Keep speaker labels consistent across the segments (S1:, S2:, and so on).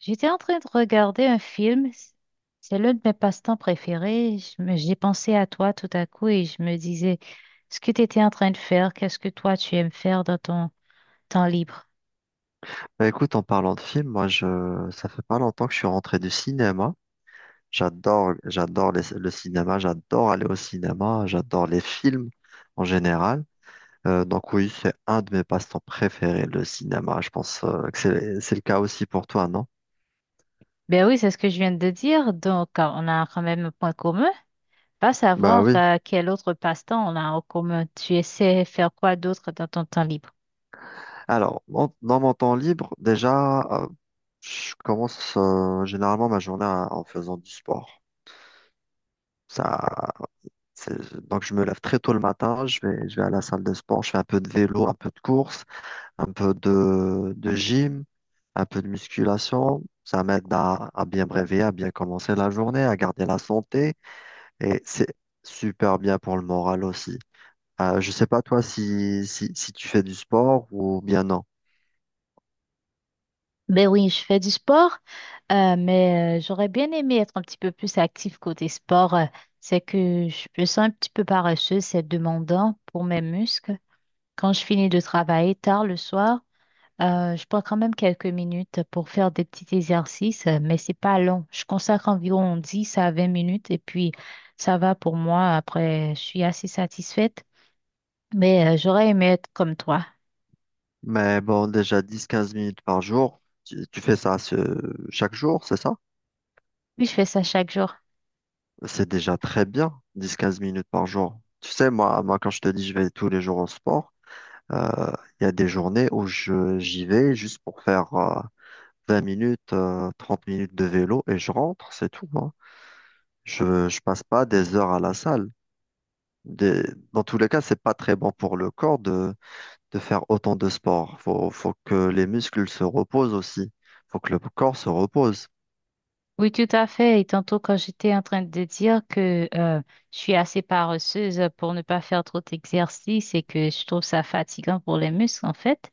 S1: J'étais en train de regarder un film. C'est l'un de mes passe-temps préférés. J'ai pensé à toi tout à coup et je me disais, ce que tu étais en train de faire, qu'est-ce que toi tu aimes faire dans ton temps libre?
S2: Bah écoute, en parlant de films, moi je ça fait pas longtemps que je suis rentré du cinéma. Le cinéma, j'adore aller au cinéma, j'adore les films en général. Donc oui, c'est un de mes passe-temps préférés, le cinéma. Je pense que c'est le cas aussi pour toi, non?
S1: Ben oui, c'est ce que je viens de dire. Donc, on a quand même un point commun. Pas
S2: Bah
S1: savoir
S2: oui.
S1: quel autre passe-temps on a en commun. Tu essaies faire quoi d'autre dans ton temps libre?
S2: Alors, dans mon temps libre, déjà, je commence généralement ma journée en faisant du sport. Ça, c'est- donc je me lève très tôt le matin, je vais à la salle de sport, je fais un peu de vélo, un peu de course. Un peu de gym, un peu de musculation. Ça m'aide à bien me réveiller, à bien commencer la journée, à garder la santé. Et c'est super bien pour le moral aussi. Je sais pas toi si tu fais du sport ou bien non.
S1: Ben oui, je fais du sport, j'aurais bien aimé être un petit peu plus active côté sport. C'est que je me sens un petit peu paresseuse, c'est demandant pour mes muscles. Quand je finis de travailler tard le soir, je prends quand même quelques minutes pour faire des petits exercices, mais c'est pas long. Je consacre environ 10 à 20 minutes et puis ça va pour moi. Après, je suis assez satisfaite, j'aurais aimé être comme toi.
S2: Mais bon, déjà dix quinze minutes par jour, tu fais ça chaque jour, c'est ça?
S1: Puis je fais ça chaque jour.
S2: C'est déjà très bien, dix quinze minutes par jour. Tu sais, quand je te dis je vais tous les jours au sport, euh, il y a des journées où j'y vais juste pour faire 20 minutes, 30 minutes de vélo et je rentre, c'est tout, hein. Je passe pas des heures à la salle. Des- Dans tous les cas, c'est pas très bon pour le corps de faire autant de sport. Faut que les muscles se reposent aussi. Faut que le corps se repose.
S1: Oui, tout à fait. Et tantôt, quand j'étais en train de dire que je suis assez paresseuse pour ne pas faire trop d'exercice et que je trouve ça fatigant pour les muscles, en fait,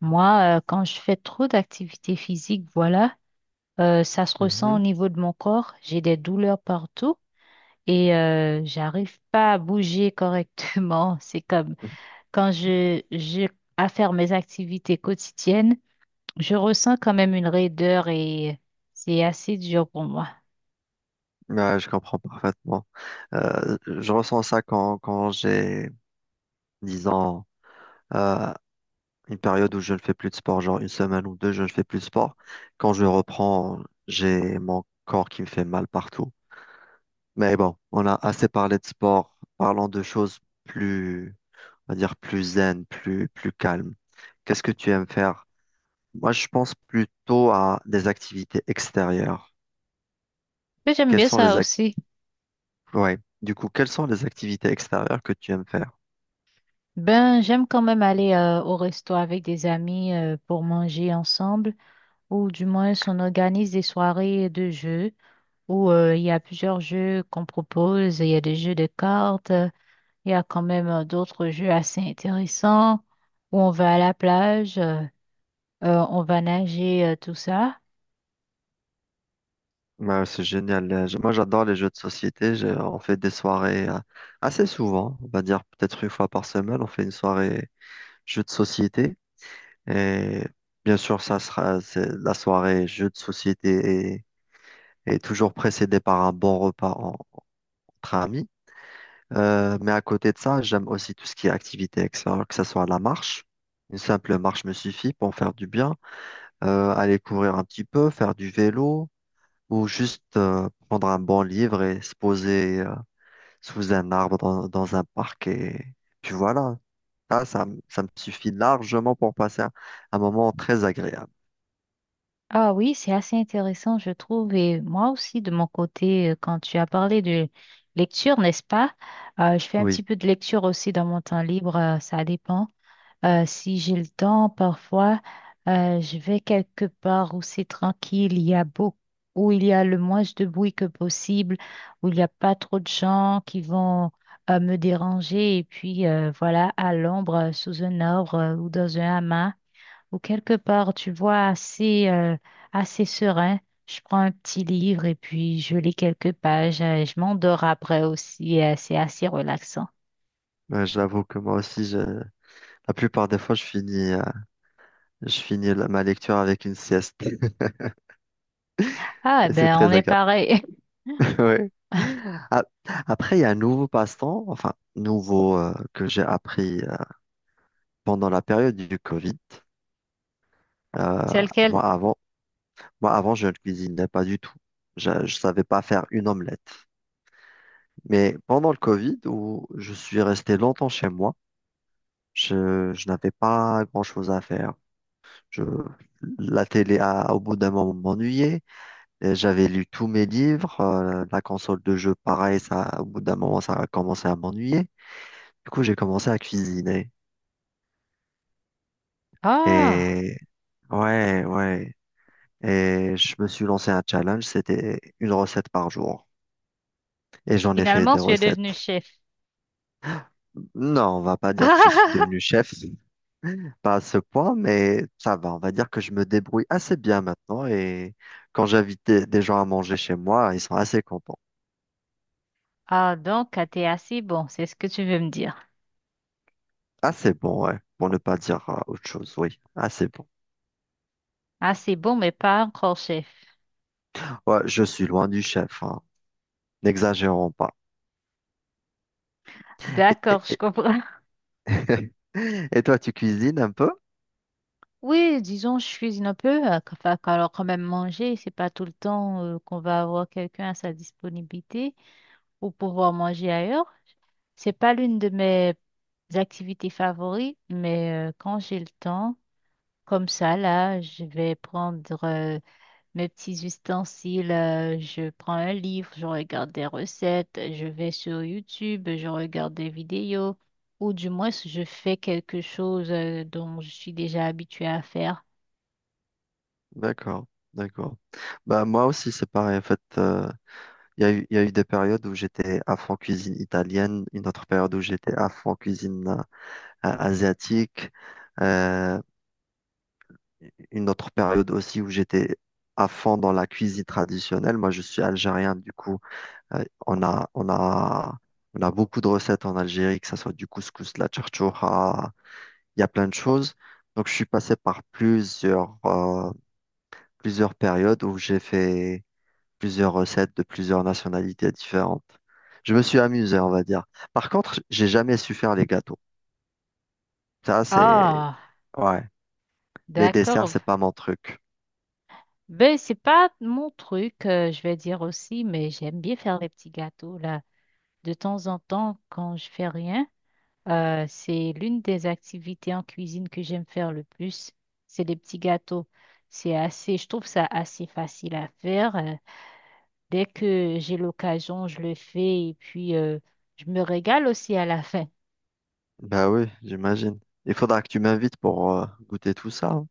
S1: moi, quand je fais trop d'activité physique, voilà, ça se ressent au
S2: Mhm.
S1: niveau de mon corps. J'ai des douleurs partout et j'arrive pas à bouger correctement. C'est comme quand je j'ai à faire mes activités quotidiennes, je ressens quand même une raideur et c'est assez dur pour moi.
S2: Ouais, je comprends parfaitement. Je ressens ça quand j'ai, disons, euh, une période où je ne fais plus de sport, genre une semaine ou deux, je ne fais plus de sport. Quand je reprends, j'ai mon corps qui me fait mal partout. Mais bon, on a assez parlé de sport. Parlons de choses plus, on va dire plus zen, plus calmes. Qu'est-ce que tu aimes faire? Moi, je pense plutôt à des activités extérieures.
S1: Mais j'aime
S2: Quelles
S1: bien
S2: sont
S1: ça
S2: les ac-
S1: aussi.
S2: Ouais. Du coup, quelles sont les activités extérieures que tu aimes faire?
S1: Ben, j'aime quand même aller au resto avec des amis pour manger ensemble, ou du moins on organise des soirées de jeux où il y a plusieurs jeux qu'on propose. Il y a des jeux de cartes, il y a quand même d'autres jeux assez intéressants où on va à la plage, on va nager, tout ça.
S2: Ouais, c'est génial. Moi, j'adore les jeux de société. On fait des soirées assez souvent. On va dire peut-être une fois par semaine. On fait une soirée jeux de société. Et bien sûr, ça sera c'est la soirée jeux de société et toujours précédé par un bon repas entre amis. Mais à côté de ça, j'aime aussi tout ce qui est activité extérieure, que ce soit la marche. Une simple marche me suffit pour faire du bien, aller courir un petit peu, faire du vélo ou juste prendre un bon livre et se poser sous un arbre dans un parc. Et puis voilà, ça me suffit largement pour passer un moment très agréable.
S1: Ah oui, c'est assez intéressant, je trouve. Et moi aussi, de mon côté, quand tu as parlé de lecture, n'est-ce pas? Je fais un petit
S2: Oui,
S1: peu de lecture aussi dans mon temps libre, ça dépend. Si j'ai le temps, parfois, je vais quelque part où c'est tranquille, il y a beaucoup, où il y a le moins de bruit que possible, où il n'y a pas trop de gens qui vont me déranger. Et puis, voilà, à l'ombre, sous un arbre ou dans un hamac ou quelque part, tu vois, assez serein. Je prends un petit livre et puis je lis quelques pages. Je m'endors après aussi. C'est assez relaxant.
S2: j'avoue que moi aussi, la plupart des fois, je finis ma lecture avec une sieste.
S1: Ah,
S2: Et c'est
S1: ben, on
S2: très
S1: est
S2: agréable.
S1: pareil.
S2: Ouais. A- Après, il y a un nouveau passe-temps, enfin, nouveau que j'ai appris pendant la période du Covid. Euh,
S1: C'est lequel?
S2: moi, avant, moi, avant, je ne cuisinais pas du tout. Je ne savais pas faire une omelette. Mais pendant le Covid, où je suis resté longtemps chez moi, je n'avais pas grand-chose à faire. Je, la télé, au bout d'un moment, m'ennuyait. Et j'avais lu tous mes livres. Euh, la console de jeu, pareil, ça, au bout d'un moment, ça a commencé à m'ennuyer. Du coup, j'ai commencé à cuisiner.
S1: Ah,
S2: Et ouais, ouais. Et je me suis lancé un challenge, c'était une recette par jour. Et j'en ai fait
S1: finalement,
S2: des
S1: tu es devenu
S2: recettes.
S1: chef.
S2: Non, on va pas dire que je suis devenu chef, pas à ce point, mais ça va. On va dire que je me débrouille assez bien maintenant. Et quand j'invite des gens à manger chez moi, ils sont assez contents.
S1: Ah, donc, ah, t'es assez bon, c'est ce que tu veux me dire.
S2: Assez bon, ouais. Pour ne pas dire autre chose, oui. Assez bon.
S1: Assez bon, mais pas encore chef.
S2: Ouais, je suis loin du chef, hein. N'exagérons pas. Et,
S1: D'accord, je
S2: et-
S1: comprends.
S2: et toi, tu cuisines un peu?
S1: Oui, disons, je cuisine un peu. Enfin, quand même, manger, c'est pas tout le temps qu'on va avoir quelqu'un à sa disponibilité pour pouvoir manger ailleurs. C'est pas l'une de mes activités favorites, mais quand j'ai le temps, comme ça, là, je vais prendre mes petits ustensiles, je prends un livre, je regarde des recettes, je vais sur YouTube, je regarde des vidéos, ou du moins je fais quelque chose dont je suis déjà habituée à faire.
S2: D'accord, d'accord. Bah moi aussi c'est pareil. En fait, il y a eu des périodes où j'étais à fond cuisine italienne, une autre période où j'étais à fond cuisine asiatique, euh, une autre période aussi où j'étais à fond dans la cuisine traditionnelle. Moi je suis algérien, du coup euh, on a on a on a beaucoup de recettes en Algérie, que ce soit du couscous, la charchoura, il y a plein de choses. Donc je suis passé par plusieurs plusieurs périodes où j'ai fait plusieurs recettes de plusieurs nationalités différentes. Je me suis amusé, on va dire. Par contre, j'ai jamais su faire les gâteaux. Ça, c'est...
S1: Ah,
S2: Ouais, les desserts,
S1: d'accord.
S2: c'est pas mon truc.
S1: Ben, c'est pas mon truc, je vais dire aussi, mais j'aime bien faire les petits gâteaux, là. De temps en temps, quand je fais rien, c'est l'une des activités en cuisine que j'aime faire le plus. C'est les petits gâteaux. C'est assez, je trouve ça assez facile à faire. Dès que j'ai l'occasion, je le fais et puis je me régale aussi à la fin.
S2: Bah oui, j'imagine. Il faudra que tu m'invites pour goûter tout ça, hein.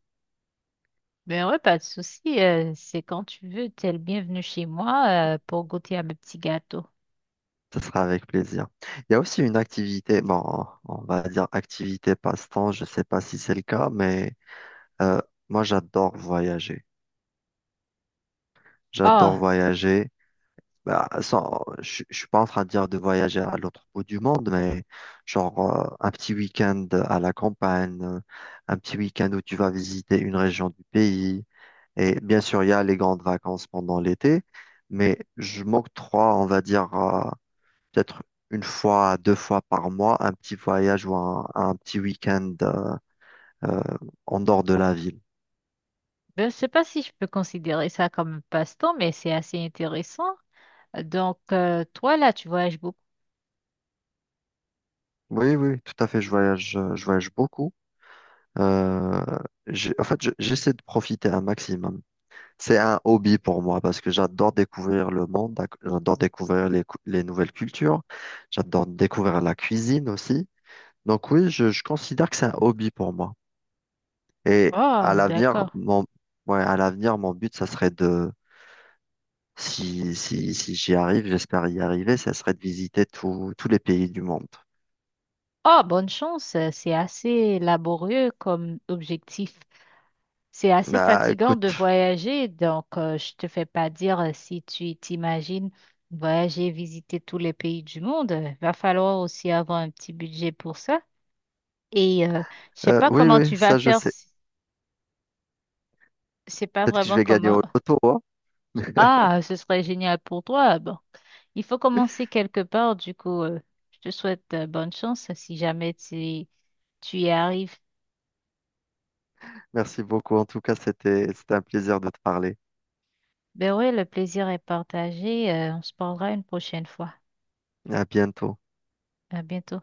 S1: Ben ouais, pas de souci. C'est quand tu veux, t'es le bienvenu chez moi pour goûter à mes petits gâteaux.
S2: Ça sera avec plaisir. Il y a aussi une activité, bon, on va dire activité passe-temps, je sais pas si c'est le cas, mais euh, moi j'adore voyager. J'adore
S1: Ah,
S2: voyager. Bah, sans, je suis pas en train de dire de voyager à l'autre bout du monde, mais genre un petit week-end à la campagne, un petit week-end où tu vas visiter une région du pays. Et bien sûr, il y a les grandes vacances pendant l'été, mais je m'octroie, on va dire, peut-être une fois, deux fois par mois, un petit voyage ou un petit week-end euh, en dehors de la ville.
S1: ben, je sais pas si je peux considérer ça comme un passe-temps, mais c'est assez intéressant. Donc, toi, là, tu voyages beaucoup.
S2: Oui, oui, tout à fait, je voyage beaucoup. Euh, En fait, j'essaie de profiter un maximum. C'est un hobby pour moi parce que j'adore découvrir le monde, j'adore découvrir les nouvelles cultures, j'adore découvrir la cuisine aussi. Donc oui, je considère que c'est un hobby pour moi. Et à
S1: Oh,
S2: l'avenir,
S1: d'accord.
S2: mon, ouais, à l'avenir, mon but, ça serait de, si j'y arrive, j'espère y arriver, ça serait de visiter tous les pays du monde.
S1: Oh, bonne chance. C'est assez laborieux comme objectif. C'est assez
S2: Bah
S1: fatigant de
S2: écoute,
S1: voyager, donc je te fais pas dire si tu t'imagines voyager, visiter tous les pays du monde. Va falloir aussi avoir un petit budget pour ça. Et je sais pas
S2: oui,
S1: comment
S2: oui,
S1: tu vas
S2: ça je
S1: faire.
S2: sais.
S1: Si- C'est pas
S2: Peut-être que je
S1: vraiment
S2: vais gagner
S1: comment.
S2: au loto, hein.
S1: Ah, ce serait génial pour toi. Bon, il faut commencer quelque part. Du coup, je te souhaite bonne chance si jamais tu y arrives.
S2: Merci beaucoup. En tout cas, c'était un plaisir de te parler.
S1: Ben oui, le plaisir est partagé. On se parlera une prochaine fois.
S2: À bientôt.
S1: À bientôt.